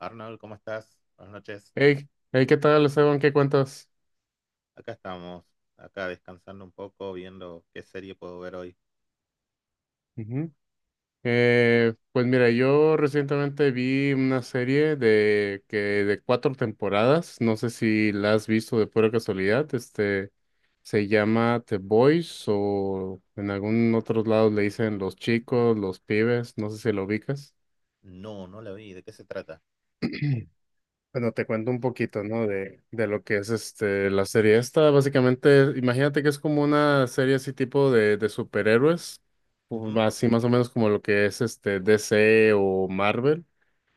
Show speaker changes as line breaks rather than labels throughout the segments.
Arnold, ¿cómo estás? Buenas noches.
Hey, hey, ¿qué tal, Esteban? ¿Qué cuentas?
Acá estamos, acá descansando un poco, viendo qué serie puedo ver hoy.
Ujú. Pues mira, yo recientemente vi una serie de cuatro temporadas. No sé si la has visto de pura casualidad. Este se llama The Boys, o en algún otros lados le dicen los chicos, los pibes. No sé si lo ubicas.
No, no la vi. ¿De qué se trata?
Bueno, te cuento un poquito, ¿no? De lo que es este la serie esta. Básicamente, imagínate que es como una serie así tipo de superhéroes, o
Ujú,
así más o menos como lo que es este DC o Marvel.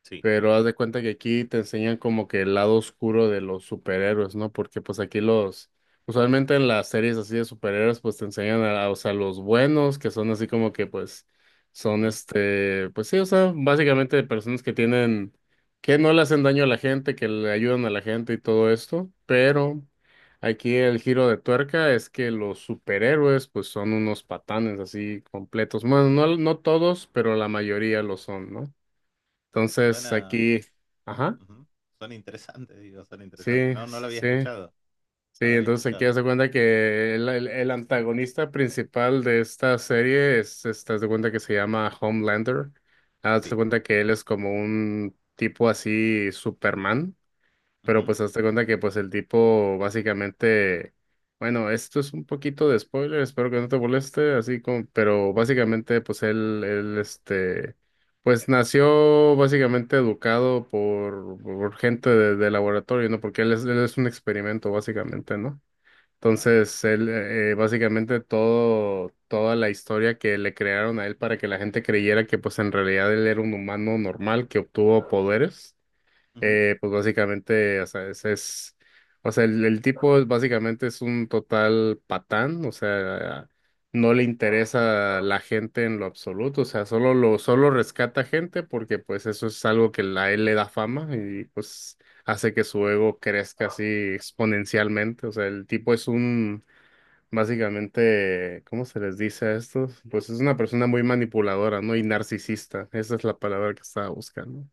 sí.
Pero haz de cuenta que aquí te enseñan como que el lado oscuro de los superhéroes, ¿no? Porque pues aquí los, usualmente en las series así de superhéroes, pues te enseñan a, o sea, los buenos, que son así como que pues son
Ujú.
este, pues sí, o sea, básicamente personas que tienen, que no le hacen daño a la gente, que le ayudan a la gente y todo esto, pero aquí el giro de tuerca es que los superhéroes pues son unos patanes así completos. Bueno, no, no todos, pero la mayoría lo son, ¿no? Entonces
Suena,
aquí, ajá,
Ujú, suena interesante, digo, suena interesante.
sí,
No, no la había
sí,
escuchado.
sí.
No la había
Entonces aquí
escuchado.
hace cuenta que el antagonista principal de esta serie es, este, haz de cuenta que se llama Homelander. Haz de
Sí.
cuenta que él es como un tipo así Superman.
Ujú.
Pero pues hazte cuenta que pues el tipo básicamente, bueno, esto es un poquito de spoiler, espero que no te moleste, así como, pero básicamente pues él este, pues nació básicamente educado por gente de laboratorio, ¿no? Porque él es un experimento básicamente, ¿no?
Ah, mira.
Entonces, él, básicamente toda la historia que le crearon a él para que la gente creyera que pues en realidad él era un humano normal que obtuvo poderes, pues básicamente, o sea, ese es, o sea, el tipo es- básicamente es un total patán, o sea, no le interesa la gente en lo absoluto, o sea, solo rescata gente porque pues eso es algo que la- a él le da fama y pues hace que su ego crezca así exponencialmente, o sea, el tipo es un, básicamente, ¿cómo se les dice a estos? Pues es una persona muy manipuladora, ¿no? Y narcisista, esa es la palabra que estaba buscando,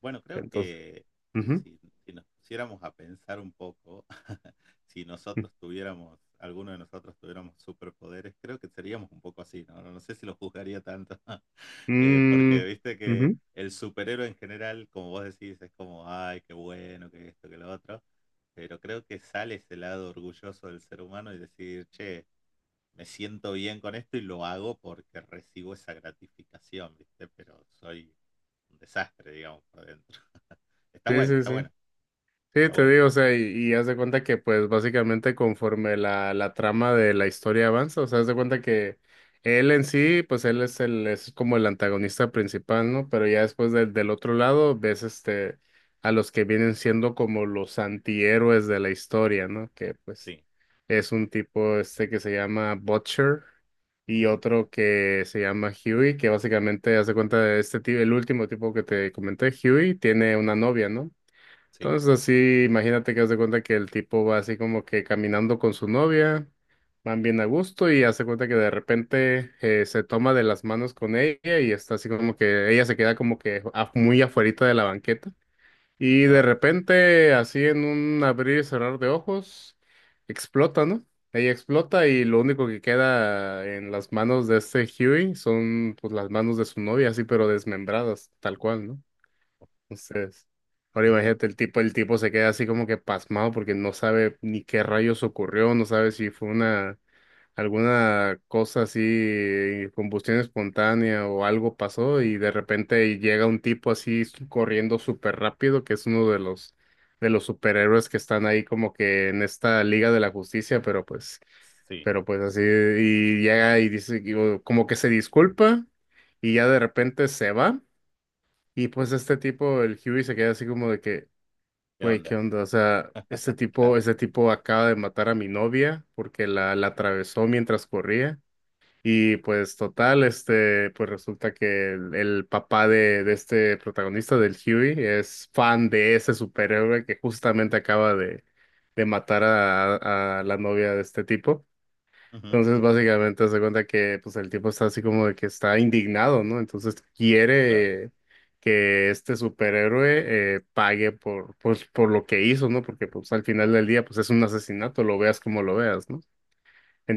Bueno, creo
entonces,
que eh,
ujú,
si, si nos pusiéramos a pensar un poco, si nosotros tuviéramos, alguno de nosotros tuviéramos superpoderes, creo que seríamos un poco así, ¿no? No, no sé si lo juzgaría tanto, porque
mm,
viste que
ujú,
el superhéroe en general, como vos decís, es como, ay, qué bueno, que esto, que lo otro, pero creo que sale ese lado orgulloso del ser humano y decir, che, me siento bien con esto y lo hago porque recibo esa gratificación, ¿viste? Pero soy un desastre, digamos, por dentro. Está
sí,
bueno,
sí,
está
sí.
bueno,
Sí,
está
te
bueno.
digo, o sea, y haz de cuenta que pues básicamente conforme la trama de la historia avanza, o sea, haz de cuenta que él en sí, pues él es el, es como el antagonista principal, ¿no? Pero ya después del otro lado ves este a los que vienen siendo como los antihéroes de la historia, ¿no? Que pues
Sí.
es un tipo este que se llama Butcher y
Ujú,
otro que se llama Huey, que básicamente haz de cuenta de este tipo, el último tipo que te comenté, Huey, tiene una novia, ¿no?
sí.
Entonces así, imagínate que haz de cuenta que el tipo va así como que caminando con su novia, van bien a gusto y hace cuenta que de repente se toma de las manos con ella y está así como que ella se queda como que af- muy afuerita de la banqueta y de
Ah,
repente así en un abrir y cerrar de ojos explota, ¿no? Ella explota y lo único que queda en las manos de este Huey son pues las manos de su novia así pero desmembradas, tal cual, ¿no? Entonces, ahora imagínate, el tipo se queda así como que pasmado porque no sabe ni qué rayos ocurrió, no sabe si fue una, alguna cosa así, combustión espontánea o algo pasó y de repente llega un tipo así s- corriendo súper rápido, que es uno de los superhéroes que están ahí como que en esta Liga de la Justicia,
sí.
pero pues así, y llega y dice, digo, como que se disculpa y ya de repente se va y pues este tipo, el Huey se queda así como de que,
¿Qué
güey,
onda?
¿qué onda? O sea,
Claro.
este tipo acaba de matar a mi novia porque la atravesó mientras corría. Y pues total, este, pues resulta que el papá de este protagonista, del Huey, es fan de ese superhéroe que justamente acaba de matar a la novia de este tipo.
Ujú,
Entonces, básicamente, se cuenta que pues, el tipo está así como de que está indignado, ¿no? Entonces,
claro.
quiere que este superhéroe pague por, pues, por lo que hizo, ¿no? Porque pues, al final del día pues, es un asesinato, lo veas como lo veas, ¿no?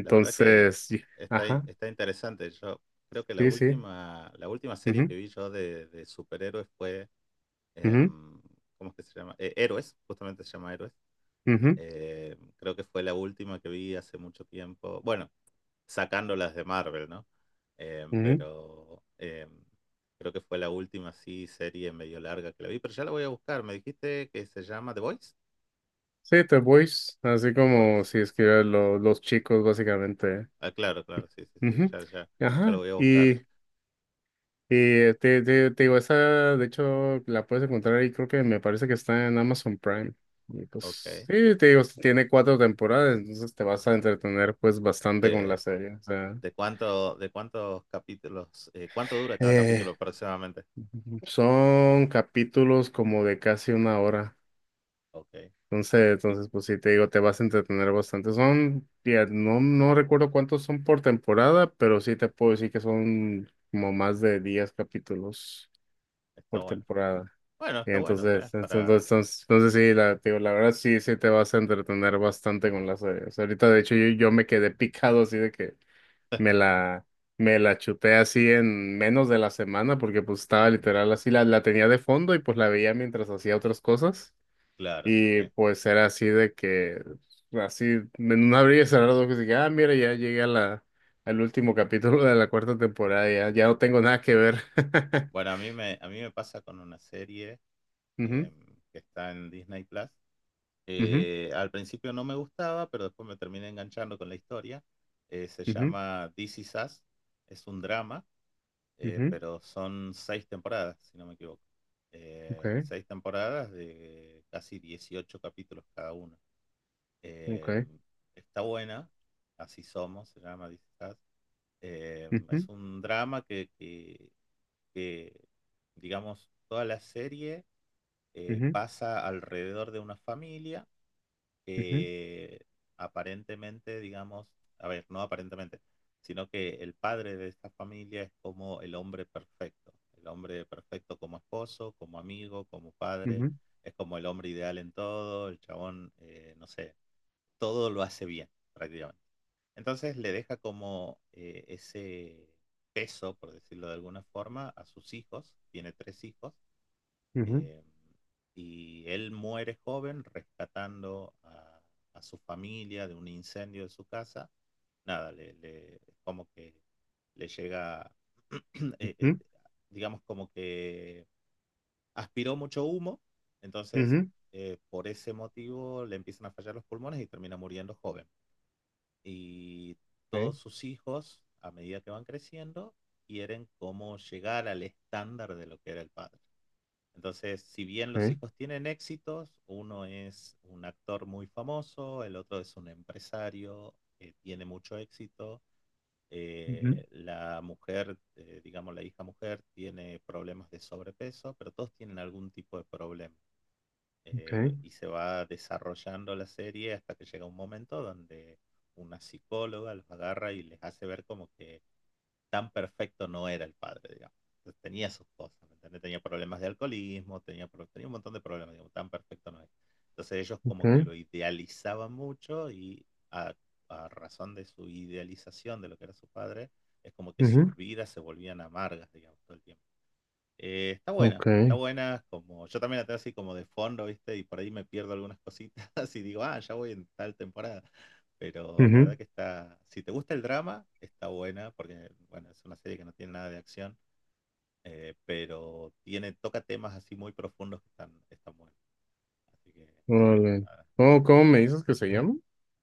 La verdad que
y-
está,
ajá,
está interesante. Yo creo que
sí, sí.
la última serie
Ujú,
que vi yo de superhéroes fue,
ujú,
em, ¿cómo es que se llama? Héroes, justamente se llama Héroes.
ujú,
Creo que fue la última que vi hace mucho tiempo. Bueno, sacando las de Marvel, ¿no? Eh,
ujú.
pero eh, creo que fue la última así serie medio larga que la vi, pero ya la voy a buscar. Me dijiste que se llama The Voice.
Sí, The Boys, así
The
como
Voice.
si escribieran lo- los chicos, básicamente.
Ah, claro, claro, sí, sí, sí,
Ujú,
ya, ya, ya lo
ajá,
voy a buscar.
y te digo, esa de hecho la puedes encontrar ahí, creo que me parece que está en Amazon Prime. Y pues
Ok.
sí, te digo, tiene cuatro temporadas, entonces te vas a entretener pues bastante con la
¿De,
serie. O sea,
de cuántos capítulos, cuánto dura cada capítulo
eh,
aproximadamente?
son capítulos como de casi una hora.
Ok.
Entonces,
Y
pues sí, te digo, te vas a entretener bastante. Son, ya, no, no recuerdo cuántos son por temporada, pero sí te puedo decir que son como más de 10 capítulos
está
por
bueno.
temporada.
Bueno,
Y
está bueno, tenés
entonces, entonces,
para.
entonces, entonces sí, la, te digo, la verdad sí, sí te vas a entretener bastante con la serie. O sea, ahorita de hecho yo me quedé picado así de que me la, me la chuté así en menos de la semana porque pues estaba literal así, la tenía de fondo y pues la veía mientras hacía otras cosas.
Claro, sí.
Y pues era así de que, así, en un abrir y cerrar los ojos, dije, ah, mira, ya llegué a la, al último capítulo de la cuarta temporada, ya, ya no tengo nada que ver.
Bueno, a mí me pasa con una serie
Ujú,
que está en Disney Plus.
ujú,
Al principio no me gustaba, pero después me terminé enganchando con la historia. Se
ujú.
llama This Is Us. Es un drama,
Ujú,
pero son seis temporadas, si no me equivoco.
ok,
Seis temporadas de casi 18 capítulos cada una. Eh,
ok,
Está buena, así somos, se llama This Is Us.
ujú,
Es un drama que, digamos, toda la serie
ujú,
pasa alrededor de una familia,
ujú,
eh, aparentemente, digamos, a ver, no aparentemente, sino que el padre de esta familia es como el hombre perfecto como esposo, como amigo, como padre,
ujú,
es como el hombre ideal en todo, el chabón, no sé, todo lo hace bien prácticamente. Entonces le deja como ese peso, por decirlo de alguna forma, a sus hijos, tiene tres hijos,
ujú,
eh, y él muere joven rescatando a su familia de un incendio de su casa. Nada, le como que le llega, eh, eh,
ujú,
digamos como que aspiró mucho humo, entonces
ujú,
por ese motivo le empiezan a fallar los pulmones y termina muriendo joven. Y
ok,
todos sus hijos, a medida que van creciendo, quieren como llegar al estándar de lo que era el padre. Entonces, si bien los
ok,
hijos tienen éxitos, uno es un actor muy famoso, el otro es un empresario que tiene mucho éxito,
ujú,
la mujer, digamos la hija mujer, tiene problemas de sobrepeso, pero todos tienen algún tipo de problema.
ok,
Y se va desarrollando la serie hasta que llega un momento donde una psicóloga los agarra y les hace ver como que tan perfecto no era el padre, digamos. Entonces, tenía sus cosas, ¿me entendés? Tenía problemas de alcoholismo, tenía un montón de problemas, digamos, tan perfecto no era. Entonces ellos
ok,
como que lo idealizaban mucho y a razón de su idealización de lo que era su padre, es como que
ujú,
sus vidas se volvían amargas, digamos, todo el tiempo. Está buena,
ok,
está buena, como yo también la tengo así como de fondo, ¿viste? Y por ahí me pierdo algunas cositas y digo, ah, ya voy en tal temporada, pero la verdad
ujú,
que está, si te gusta el drama, está buena, porque bueno, es una serie que no tiene nada de acción, pero tiene, toca temas así muy profundos que están, están buenos. Así que
órale.
nada,
¿Cómo, cómo me dices que se llama?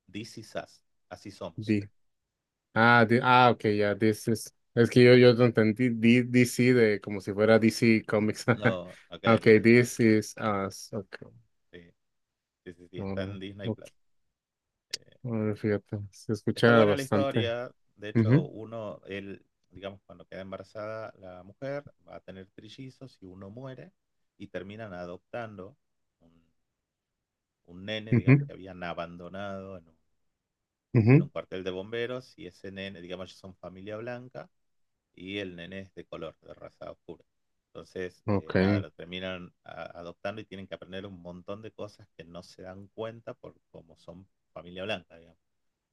This is us, así somos.
Di. Ah, di- ah, ok, ya, this is- Es que yo no entendí di- DC, de como si fuera DC Comics.
No, ok,
Ok,
ok, ok, no,
this is us. Ok,
sí, sí, sí, sí, está
órale,
en Disney
ok,
Plus. Eh,
órale, fíjate, se
Está
escucha
buena la
bastante.
historia, de hecho,
Ujú,
uno, él, digamos, cuando queda embarazada la mujer, va a tener trillizos y uno muere y terminan adoptando un un nene, digamos,
ujú,
que habían abandonado en en
ujú,
un cuartel de bomberos y ese nene, digamos, ellos son familia blanca y el nene es de color, de raza oscura. Entonces,
ok,
nada, lo terminan adoptando y tienen que aprender un montón de cosas que no se dan cuenta por cómo son familia blanca, digamos.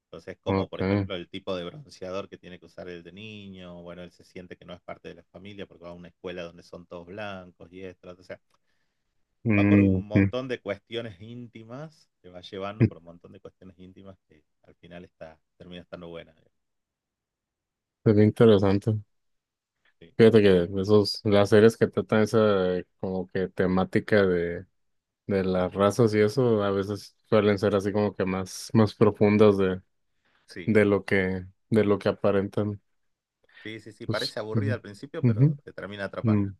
Entonces, como por
ok.
ejemplo el tipo de bronceador que tiene que usar el de niño, bueno, él se siente que no es parte de la familia porque va a una escuela donde son todos blancos y esto, o sea, va por
Mm,
un
ujú,
montón de cuestiones íntimas, te va llevando por un montón de cuestiones íntimas que al final está, termina estando buena.
sería interesante.
Sí,
Fíjate que esos, las series que tratan esa como que temática de las razas y eso, a veces suelen ser así como que más, más profundas
sí,
de lo que aparentan.
sí, sí, sí,
Pues,
parece aburrida
ujú,
al principio,
ujú.
pero te termina atrapando.
Mm,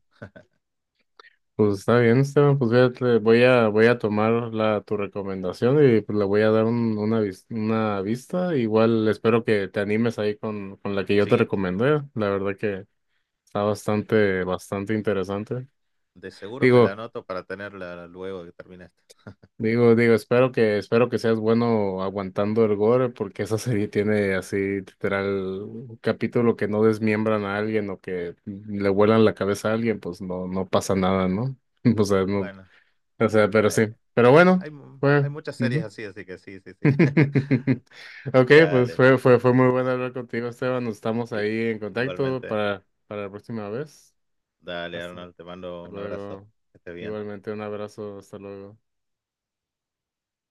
pues está bien, Esteban. Pues fíjate, voy a tomar la, tu recomendación y pues le voy a dar un- una, vis- una vista. Igual espero que te animes ahí con la que yo te
Sí,
recomendé. La verdad que está bastante, bastante interesante.
de seguro me la
Digo,
anoto para tenerla luego que termine esta.
Digo, espero que seas bueno aguantando el gore, porque esa serie tiene así, literal, un capítulo que no desmiembran a alguien o que le vuelan la cabeza a alguien, pues no, no pasa nada, ¿no? O sea, no,
Bueno,
o sea, pero
hay,
sí. Pero bueno, fue.
hay muchas series
Ujú.
así, así que sí, sí, sí.
Ok, pues
Dale,
fue muy bueno hablar contigo, Esteban. Nos estamos
y-
ahí en contacto
igualmente.
para la próxima vez.
Dale,
Hasta
Arnold, te mando un abrazo.
luego.
Que estés bien.
Igualmente, un abrazo, hasta luego.